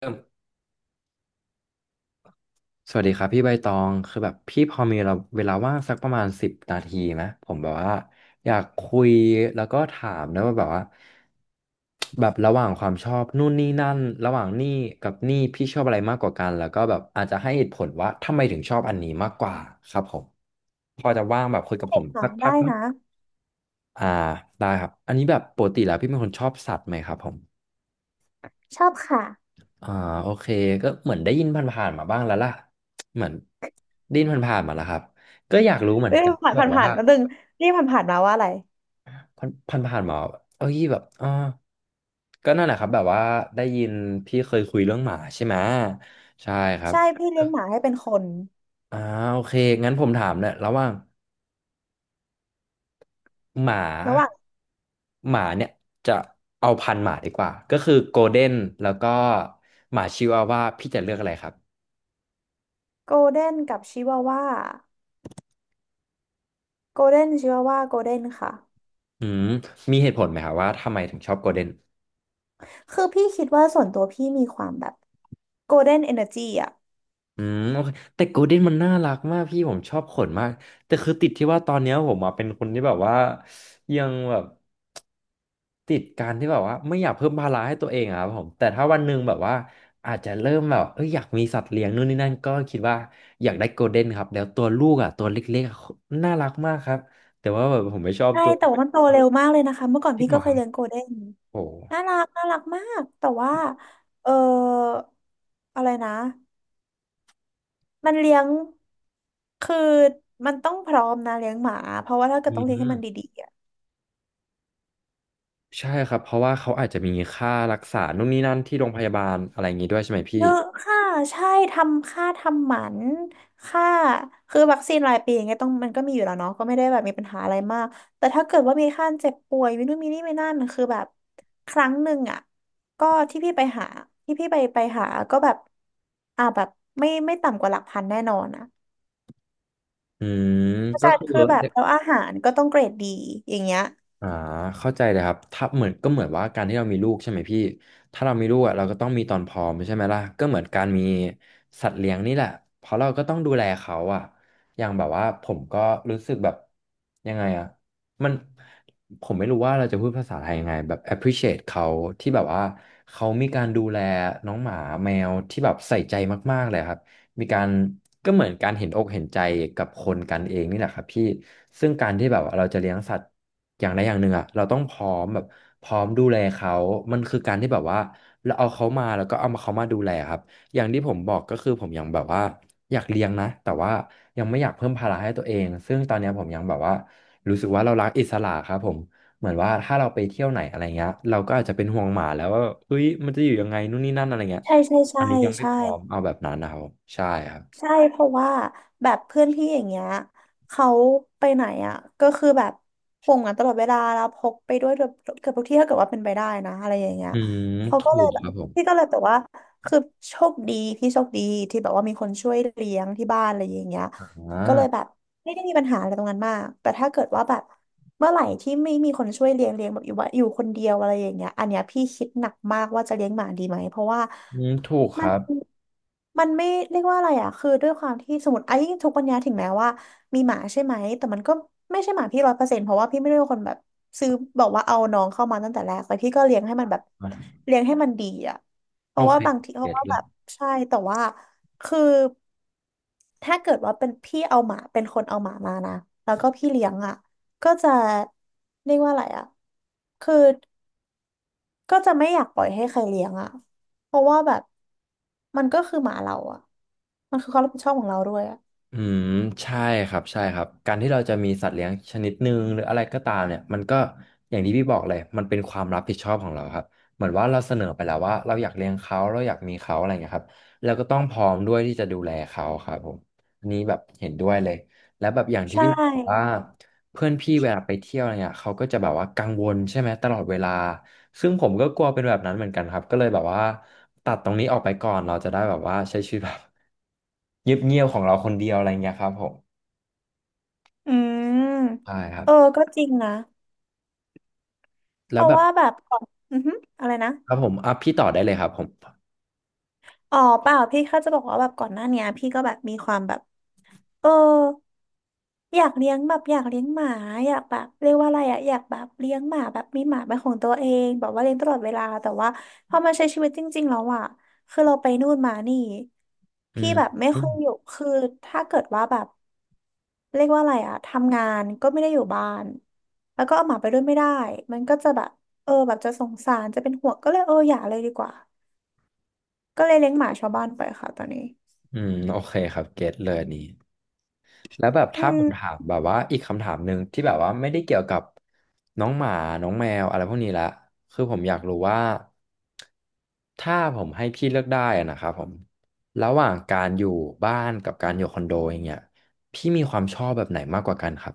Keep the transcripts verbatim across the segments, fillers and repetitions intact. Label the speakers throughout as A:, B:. A: เริ่มสวัสดีครับพี่ใบตองคือแบบพี่พอมีเราเวลาว่างสักประมาณสิบนาทีไหมผมแบบว่าอยากคุยแล้วก็ถามนะว่าแบบว่าแบบระหว่างความชอบนู่นนี่นั่นระหว่างนี่กับนี่พี่ชอบอะไรมากกว่ากันแล้วก็แบบอาจจะให้เหตุผลว่าทำไมถึงชอบอันนี้มากกว่าครับผมพอจะว่างแบบคุยกับผ
B: เด็ก
A: ม
B: ค่ะ
A: สักพั
B: ได้
A: กไหม
B: นะ
A: อ่าได้ครับอันนี้แบบปกติแล้วพี่เป็นคนชอบสัตว์ไหมครับผม
B: ชอบค่ะ
A: อ่าโอเคก็เหมือนได้ยินผ่านๆมาบ้างแล้วล่ะเหมือนได้ยินผ่านๆมาแล้วครับก็อยากรู้เหมือ
B: เอ้
A: น
B: ย
A: กัน
B: ผ่าน
A: แบ
B: ผ่า
A: บ
B: นผ่า
A: ว่า
B: นก็ดึงนี่ผ่านผ่านมาว่าอะไร
A: ผ่านผ่านๆมาเอ้ยแบบอ่าก็นั่นแหละครับแบบว่าได้ยินพี่เคยคุยเรื่องหมาใช่ไหมใช่ครับ
B: ใช่พี่เลี้
A: ก็
B: ยงหมาให้เป็นคน
A: อ่าโอเคงั้นผมถามเนี่ยระหว่างหมา
B: ระหว่าง
A: หมาเนี่ยจะเอาพันธุ์หมาดีกว่าก็คือโกลเด้นแล้วก็หมาชิวาว่าพี่จะเลือกอะไรครับ
B: โกลเด้นกับชิวาว่าโกลเด้นชิวาว่าโกลเด้นค่ะ
A: อืมมีเหตุผลไหมครับว่าทำไมถึงชอบโกลเด้น
B: คือพี่คิดว่าส่วนตัวพี่มีความแบบโกลเด้นเอเนอร์จีอ่ะ
A: อืมโอเคแต่โกลเด้นมันน่ารักมากพี่ผมชอบขนมากแต่คือติดที่ว่าตอนเนี้ยผมอะเป็นคนที่แบบว่ายังแบบติดการที่แบบว่าไม่อยากเพิ่มภาระให้ตัวเองอะครับผมแต่ถ้าวันหนึ่งแบบว่าอาจจะเริ่มแบบเอยอยากมีสัตว์เลี้ยงนู่นนี่นั่นก็คิดว่าอยากได้โกลเด้นครับแล้วตัวลูกอ่ะตัวเล็กๆอะน่ารักมากครับแต่ว่าแบบผมไม่ชอบ
B: ใช่
A: ตัว
B: แต่ว่ามันโตเร็วมากเลยนะคะเมื่อก่อน
A: จริ
B: พี่
A: งเหร
B: ก็
A: อ
B: เค
A: ค
B: ย
A: รับ
B: เลี้ยงโกลเด้น
A: โอ้
B: น่ารักน่ารักมากแต่ว่าเอออะไรนะมันเลี้ยงคือมันต้องพร้อมนะเลี้ยงหมาเพราะว่าถ้าเกิ
A: อื
B: ดต้องเลี้ยงให้มัน
A: ม
B: ดีๆ
A: ใช่ครับเพราะว่าเขาอาจจะมีค่ารักษานู่นนี่นั่นที่โรงพยาบาลอะไรอย่างงี้ด้วยใช่ไหมพี่
B: เยอะค่ะใช่ทำค่าทำหมันค่าคือวัคซีนรายปีอย่างเงี้ยต้องมันก็มีอยู่แล้วเนาะก็ไม่ได้แบบมีปัญหาอะไรมากแต่ถ้าเกิดว่ามีค่าเจ็บป่วยมีนู่นมีนี่มีนั่นคือแบบครั้งหนึ่งอ่ะก็ที่พี่ไปหาที่พี่ไปไปหาก็แบบอ่าแบบไม่ไม่ต่ำกว่าหลักพันแน่นอนอ่ะ
A: อืม
B: เพราะ
A: ก็
B: ฉะนั้น
A: คือ
B: คือแบบแล้วอาหารก็ต้องเกรดดีอย่างเงี้ย
A: อ่าเข้าใจเลยครับถ้าเหมือนก็เหมือนว่าการที่เรามีลูกใช่ไหมพี่ถ้าเรามีลูกอ่ะเราก็ต้องมีตอนพร้อมใช่ไหมล่ะก็เหมือนการมีสัตว์เลี้ยงนี่แหละเพราะเราก็ต้องดูแลเขาอ่ะอย่างแบบว่าผมก็รู้สึกแบบยังไงอ่ะมันผมไม่รู้ว่าเราจะพูดภาษาไทยยังไงแบบ appreciate เขาที่แบบว่าเขามีการดูแลน้องหมาแมวที่แบบใส่ใจมากๆเลยครับ มีการก็เหมือนการเห็นอกเห็นใจกับคนกันเองนี่แหละครับพี่ซึ่งการที่แบบว่าเราจะเลี้ยงสัตว์อย่างใดอย่างหนึ่งอ่ะเราต้องพร้อมแบบพร้อมดูแลเขามันคือการที่แบบว่าเราเอาเขามาแล้วก็เอามาเขามาดูแลครับอย่างที่ผมบอกก็คือผมยังแบบว่าอยากเลี้ยงนะแต่ว่ายังไม่อยากเพิ่มภาระให้ตัวเองซึ่งตอนเนี้ยผมยังแบบว่ารู้สึกว่าเรารักอิสระครับผมเหมือนว่าถ้าเราไปเที่ยวไหนอะไรเงี้ยเราก็อาจจะเป็นห่วงหมาแล้วว่าเฮ้ยมันจะอยู่ยังไงนู่นนี่นั่นอะไรเงี้ย
B: ใช่ใช่ใช่
A: อันนี้ยังไม่
B: ใช่
A: พร้อมเอาแบบนั้นนะครับผมใช่ครับ
B: ใช่เพราะว่าแบบเพื่อนพี่อย่างเงี้ยเขาไปไหนอ่ะก็คือแบบห่วงกันตลอดเวลาแล้วพกไปด้วยเกือบเกือบทุกที่ถ้าเกิดว่าเป็นไปได้นะอะไรอย่างเงี้ย
A: อืม
B: เขาก็
A: ถู
B: เลย
A: ก
B: แบ
A: ค
B: บ
A: รับผ
B: พี่
A: ม
B: ก็เลยแต่ว่าคือโชคดีพี่โชคดีที่แบบว่ามีคนช่วยเลี้ยงที่บ้านอะไรอย่างเงี้ย
A: อ่า
B: ก็เลยแบบไม่ได้มีปัญหาอะไรตรงนั้นมากแต่ถ้าเกิดว่าแบบเมื่อไหร่ที่ไม่มีคนช่วยเลี้ยงเลี้ยงแบบอยู่ว่าอยู่คนเดียวอะไรอย่างเงี้ยอันเนี้ยพี่คิดหนักมากว่าจะเลี้ยงหมาดีไหมเพราะว่า
A: อืมถูกค
B: มัน
A: รับ
B: มันไม่เรียกว่าอะไรอ่ะคือด้วยความที่สมมติไอ้ยิ่งทุกวันนี้ถึงแม้ว่ามีหมาใช่ไหมแต่มันก็ไม่ใช่หมาพี่ร้อยเปอร์เซ็นต์เพราะว่าพี่ไม่ได้เป็นคนแบบซื้อบอกว่าเอาน้องเข้ามาตั้งแต่แรกแต่พี่ก็เลี้ยงให้มันแบบ
A: อ่ะ
B: เลี้ยงให้มันดีอ่ะ เพ
A: โอ
B: ราะว่า
A: เค
B: บางทีเพ
A: เก็
B: ราะ
A: ต
B: ว่า
A: เล
B: แบ
A: ย
B: บใช่แต่ว่าคือถ้าเกิดว่าเป็นพี่เอาหมาเป็นคนเอาหมามานะแล้วก็พี่เลี้ยงอ่ะก็จะเรียกว่าอะไรอ่ะคือก็จะไม่อยากปล่อยให้ใครเลี้ยงอ่ะเพราะว่าแบบมันก็คือหมาเราอ่ะมันคือความรับผิดชอบของเราด้วยอ่ะ
A: อืมใช่ครับใช่ครับการที่เราจะมีสัตว์เลี้ยงชนิดหนึ่งหรืออะไรก็ตามเนี่ยมันก็อย่างที่พี่บอกเลยมันเป็นความรับผิดชอบของเราครับเหมือนว่าเราเสนอไปแล้วว่าเราอยากเลี้ยงเขาเราอยากมีเขาอะไรเงี้ยครับเราก็ต้องพร้อมด้วยที่จะดูแลเขาครับผมอันนี้แบบเห็นด้วยเลยแล้วแบบอย่างที่
B: ใช
A: พี่บอกว่า
B: ่
A: เพื่อนพี่เวลาไปเที่ยวอะไรเงี้ยเขาก็จะแบบว่ากังวลใช่ไหมตลอดเวลาซึ่งผมก็กลัวเป็นแบบนั้นเหมือนกันครับก็เลยแบบว่าตัดตรงนี้ออกไปก่อนเราจะได้แบบว่าใช้ชีวิตแบบเงียบๆของเราคนเดียวอะไรเงี้ยครับผม
B: อืม
A: ใช่ครับ
B: เออก็จริงนะเพ
A: แล้ว
B: ราะ
A: แบบ
B: ว่าแบบก่อนอือฮึอะไรนะ
A: ครับผมอ่ะพี่ต่อได้เลยครับผม
B: อ๋อเปล่าพี่แค่จะบอกว่าแบบก่อนหน้าเนี้ยพี่ก็แบบมีความแบบ เอออยากเลี้ยงแบบอยากเลี้ยงหมาอยากแบบเรียกว่าอะไรอะอยากแบบเลี้ยงหมาแบบมีหมาเป็นของตัวเองแบบว่าเลี้ยงตลอดเวลาแต่ว่าพอมาใช้ชีวิตจริงๆแล้วอะคือเราไปนู่นมานี่
A: อื
B: พี่
A: ม
B: แบบไม่
A: อื
B: ค่
A: ม
B: อยอยู่คือถ้าเกิดว่าแบบเรียกว่าอะไรอะทำงานก็ไม่ได้อยู่บ้านแล้วก็เอาหมาไปด้วยไม่ได้มันก็จะแบบเออแบบจะสงสารจะเป็นห่วงก็เลยเอออย่าเลยดีกว่าก็เลยเลี้ยงหมาชาวบ้านไปค่ะตอนนี้
A: อืมโอเคครับเก็ตเลยอันนี้ แล้วแบบ
B: อื
A: ถ้าผ
B: ม
A: มถามแบบว่าอีกคำถามหนึ่งที่แบบว่าไม่ได้เกี่ยวกับน้องหมาน้องแมวอะไรพวกนี้ละคือผมอยากรู้ว่าถ้าผมให้พี่เลือกได้อะนะครับผมระหว่างการอยู่บ้านกับการอยู่คอนโดอย่างเงี้ยพี่มีความชอบแบบไหนมากกว่ากันครับ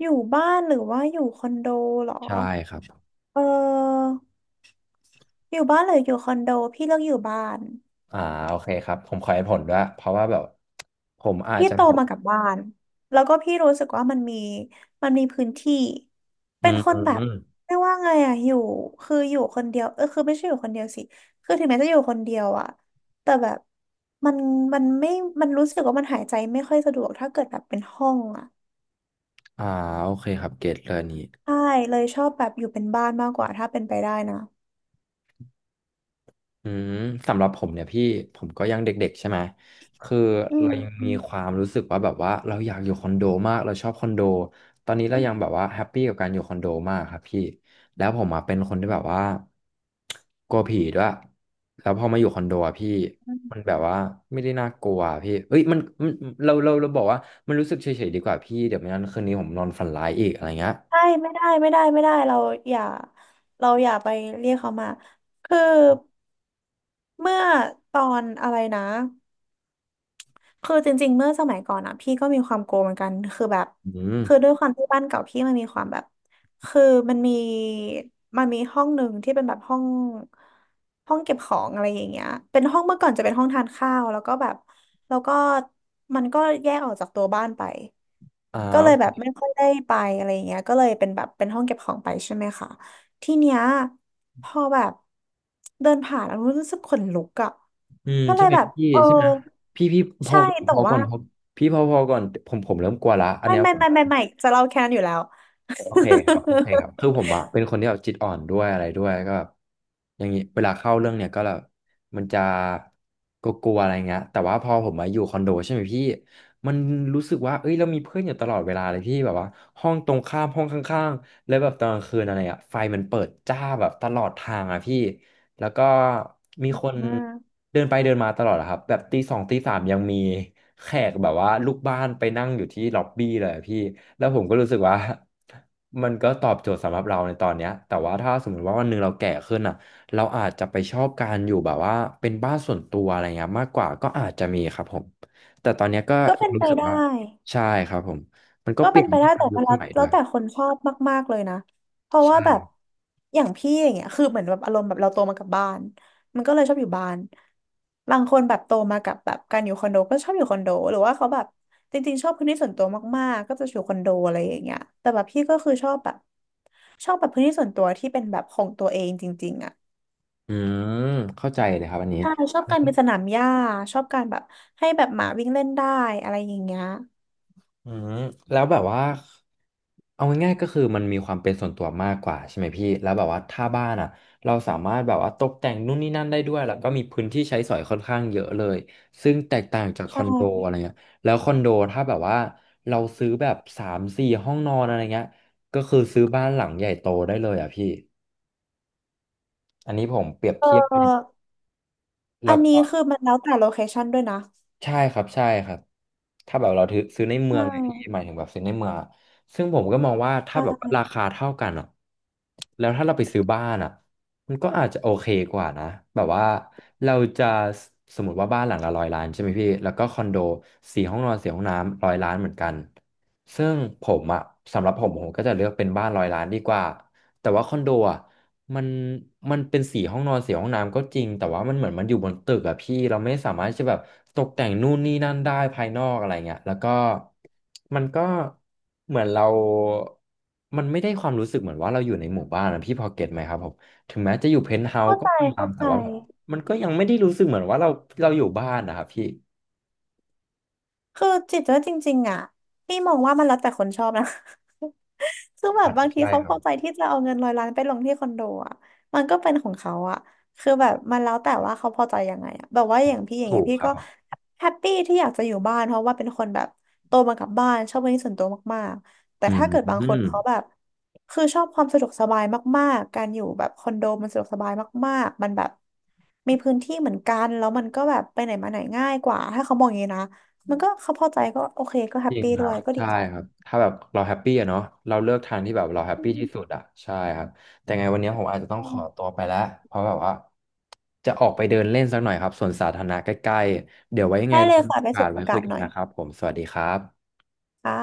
B: อยู่บ้านหรือว่าอยู่คอนโดเหรอ
A: ใช่ครับ
B: เอออยู่บ้านหรืออยู่คอนโดพี่เลือกอยู่บ้าน
A: อ่าโอเคครับผมขอให้ผลด้วยเพราะว่าแบบผมอาจ
B: พี่
A: จะ
B: โตมากับบ้านแล้วก็พี่รู้สึกว่ามันมีมันมีพื้นที่
A: อื
B: เป็นคนแบบ
A: ม
B: เรียกว่าไงอะอยู่คืออยู่คนเดียวเออคือไม่ใช่อยู่คนเดียวสิคือถึงแม้จะอยู่คนเดียวอะแต่แบบมันมันไม่มันรู้สึกว่ามันหายใจไม่ค่อยสะดวกถ้าเกิดแบบเป็นห้องอะ
A: อ่าโอเคครับเก็ตเลยอันนี้
B: ใช่เลยชอบแบบอยู่เป็นบ้านมากกว่าถ้าเป็นไปได้นะ
A: อืมสำหรับผมเนี่ยพี่ผมก็ยังเด็กๆใช่ไหมคือ
B: อื
A: เรายังมีควา
B: ม
A: มรู้สึกว่าแบบว่าเราอยากอยู่คอนโดมากเราชอบคอนโดตอนนี้เรายังแบบว่าแฮปปี้กับการอยู่คอนโดมากครับพี่แล้วผมอ่ะเป็นคนที่แบบว่ากลัวผีด้วยแล้วพอมาอยู่คอนโดอะพี่มันแบบว่าไม่ได้น่ากลัวอะพี่เอ้ยมันมันเราเราเราบอกว่ามันรู้สึกเฉยๆดีกว่าพี่เดี๋ยวไม่งั้นคืนนี้ผมนอนฝันร้ายอีกอะไรเงี้ย
B: ใช่ไม่ได้ไม่ได้ไม่ได้เราอย่าเราอย่าไปเรียกเขามาคือเมื่อตอนอะไรนะคือจริงๆเมื่อสมัยก่อนอ่ะพี่ก็มีความโกงเหมือนกันคือแบบ
A: อืม
B: คือด้วยความที่บ้านเก่าพี่มันมีความแบบคือมันมีมันมีห้องหนึ่งที่เป็นแบบห้องห้องเก็บของอะไรอย่างเงี้ยเป็นห้องเมื่อก่อนจะเป็นห้องทานข้าวแล้วก็แบบแล้วก็มันก็แยกออกจากตัวบ้านไป
A: อ่
B: ก็เลยแบ
A: า
B: บไม่ค่อยได้ไปอะไรอย่างเงี้ยก็เลยเป็นแบบเป็นห้องเก็บของไปใช่ไหมคะทีเนี้ยพอแบบเดินผ่านแล้วรู้สึกขนลุกอ่ะ
A: อืม
B: ก็เล
A: ใช่
B: ย
A: ไหม
B: แบบ
A: พี่
B: เออ
A: ใช่ไหมพี่พี่พอ
B: ใช่แต่
A: พอก่
B: ว่า
A: อนพอพี่พอพอก่อนผมผมเริ่มกลัวละอัน
B: ไม่
A: เนี้ย
B: ไม่
A: ผม
B: ไม่ไม่ไม่จะเล่าแค่นั้นอยู่แล้ว
A: โอเคครับโอเคครับคือ ผมอะเป็นคนที่แบบจิตอ่อนด้วยอะไรด้วยก็แบบอย่างงี้เวลาเข้าเรื่องเนี่ยก็แบบมันจะกลัวๆอะไรเงี้ยแต่ว่าพอผมมาอยู่คอนโดใช่ไหมพี่มันรู้สึกว่าเอ้ยเรามีเพื่อนอยู่ตลอดเวลาเลยพี่แบบว่าห้องตรงข้ามห้องข้างๆแล้วแบบตอนกลางคืนอะไรอะไฟมันเปิดจ้าแบบตลอดทางอะพี่ แล้วก็มีคน
B: อืม
A: เดินไปเดินมาตลอดอะครับแบบตีสองตีสามยังมีแขกแบบว่าลูกบ้านไปนั่งอยู่ที่ล็อบบี้เลยอะพี่แล้วผมก็รู้สึกว่า มันก็ตอบโจทย์สำหรับเราในตอนเนี้ยแต่ว่าถ้าสมมติว่าวันหนึ่งเราแก่ขึ้นอ่ะเราอาจจะไปชอบการอยู่แบบว่าเป็นบ้านส่วนตัวอะไรเงี้ยมากกว่าก็อาจจะมีครับผมแต่ตอนเนี้ยก็
B: ก็
A: ยั
B: เป็
A: ง
B: นไป
A: รู้สึก
B: ได้
A: ว่าใช่ครับผมมันก็
B: ก็
A: เป
B: เป็
A: ลี่
B: น
A: ยน
B: ไป
A: ไป
B: ได้
A: ตาม
B: แต่
A: ยุค
B: ว่า
A: ส
B: แล้ว
A: มัยด้
B: แล้
A: ว
B: ว
A: ย
B: แต่คนชอบมากๆเลยนะเพราะว่า
A: ใช่
B: แบบอย่างพี่อย่างเงี้ยคือเหมือนแบบอารมณ์แบบเราโตมากับบ้านมันก็เลยชอบอยู่บ้านบางคนแบบโตมากับแบบการอยู่คอนโดก็ชอบอยู่คอนโดหรือว่าเขาแบบจริงๆชอบพื้นที่ส่วนตัวมากๆก็จะอยู่คอนโดอะไรอย่างเงี้ยแต่แบบพี่ก็คือชอบแบบชอบแบบพื้นที่ส่วนตัวที่เป็นแบบของตัวเองจริงๆอ่ะ
A: อืมเข้าใจเลยครับอันนี้
B: ใช่ชอบการเป็นสนามหญ้าชอบการแบบให้แบบหมาวิ่งเล่นได้อะไรอย่างเงี้ย
A: อืมแล้วแบบว่าเอาง่ายๆก็คือมันมีความเป็นส่วนตัวมากกว่าใช่ไหมพี่แล้วแบบว่าถ้าบ้านอ่ะเราสามารถแบบว่าตกแต่งนู่นนี่นั่นได้ด้วยแล้วก็มีพื้นที่ใช้สอยค่อนข้างเยอะเลยซึ่งแตกต่างจากค
B: ใช
A: อนโด
B: ่
A: อะไรเงี้ยแล้วคอนโดถ้าแบบว่าเราซื้อแบบสามสี่ห้องนอนอะไรเงี้ยก็คือซื้อบ้านหลังใหญ่โตได้เลยอ่ะพี่อันนี้ผมเปรียบ
B: เ
A: เทียบ
B: อออั
A: แล้ว
B: นนี้
A: ก็
B: คือมันแล้วแต่โลเคชันด้วยนะ
A: ใช่ครับใช่ครับถ้าแบบเราถือซื้อในเมื
B: ใช่
A: องเนี่ยพี่หมายถึงแบบซื้อในเมืองอะซึ่งผมก็มองว่า
B: ใช
A: ถ้าแบบว่า
B: ่
A: ราคาเท่ากันอ่ะแล้วถ้าเราไปซื้อบ้านอ่ะมันก็อาจจะโอเคกว่านะแบบว่าเราจะสสมมติว่าบ้านหลังละร้อยล้านใช่ไหมพี่แล้วก็คอนโดสี่ห้องนอนสี่ห้องน้ำร้อยล้านเหมือนกันซึ่งผมอ่ะสำหรับผมผมก็จะเลือกเป็นบ้านร้อยล้านดีกว่าแต่ว่าคอนโดอ่ะ มันมันเป็นสีห้องนอนสีห้องน้ำก็จริงแต่ว่ามันเหมือนมันอยู่บนตึกอะพี่เราไม่สามารถที่จะแบบตกแต่งนู่นนี่นั่นได้ภายนอกอะไรเงี้ยแล้วก็มันก็เหมือนเรามันไม่ได้ความรู้สึกเหมือนว่าเราอยู่ในหมู่บ้านนะพี่พอเก็ตไหมครับผมถึงแม้จะอยู่เพนท์เฮาส์
B: เข้า
A: ก็
B: ใจ
A: ตา
B: เข้า
A: มแต่
B: ใจ
A: ว่าแบบมันก็ยังไม่ได้รู้สึกเหมือนว่าเราเราอยู่บ้านนะครับพี่
B: คือจิตว่าจริงๆอ่ะพี่มองว่ามันแล้วแต่คนชอบนะ ซึ่งแบบ
A: อาจ
B: บา
A: จะ
B: งที
A: ใช่
B: เขา
A: ค
B: พ
A: รับ
B: อใจที่จะเอาเงินร้อยล้านไปลงที่คอนโดอ่ะมันก็เป็นของเขาอ่ะคือแบบมันแล้วแต่ว่าเขาพอใจยังไงอ่ะแบบว่าอย่างพี่อย่าง
A: ถู
B: เงี้ย
A: ก
B: พี่
A: ครับ
B: ก็
A: ผม
B: แฮปปี้ที่อยากจะอยู่บ้านเพราะว่าเป็นคนแบบโตมากับบ้านชอบพื้นที่ส่วนตัวมากๆแต่
A: อื
B: ถ้า
A: ม
B: เกิดบางคนเขาแบบคือชอบความสะดวกสบายมากๆการอยู่แบบคอนโดมันสะดวกสบายมากๆมันแบบมีพื้นที่เหมือนกันแล้วมันก็แบบไปไหนมาไหนง่ายกว่าถ้าเขามองอย่างนี้นะมันก็เขาพอใจก็โอเคก็แฮ
A: จ
B: ป
A: ริง
B: ปี้
A: ค
B: ด้
A: รั
B: ว
A: บ
B: ยก็ดี
A: ใช่
B: ใจ
A: ครับถ้าแบบเราแฮปปี้อะเนาะเราเลือกทางที่แบบเราแฮป
B: อื
A: ปี้ที่
B: ม
A: สุดอะใช่ครับแต่ไงวันนี้ผมอาจจะต้องขอตัวไปแล้วเพราะแบบว่าจะออกไปเดินเล่นสักหน่อยครับสวนสาธารณะใกล้ๆเดี๋ยวไว้ยังไง
B: ได้
A: เรา
B: เลย
A: มี
B: ค่ะ
A: โอ
B: ไป
A: กา
B: สู
A: ส
B: ด
A: ไว้
B: อากา
A: คุย
B: ศ
A: กั
B: ห
A: น
B: น่อย
A: นะครับผมสวัสดีครับ
B: ค่ะ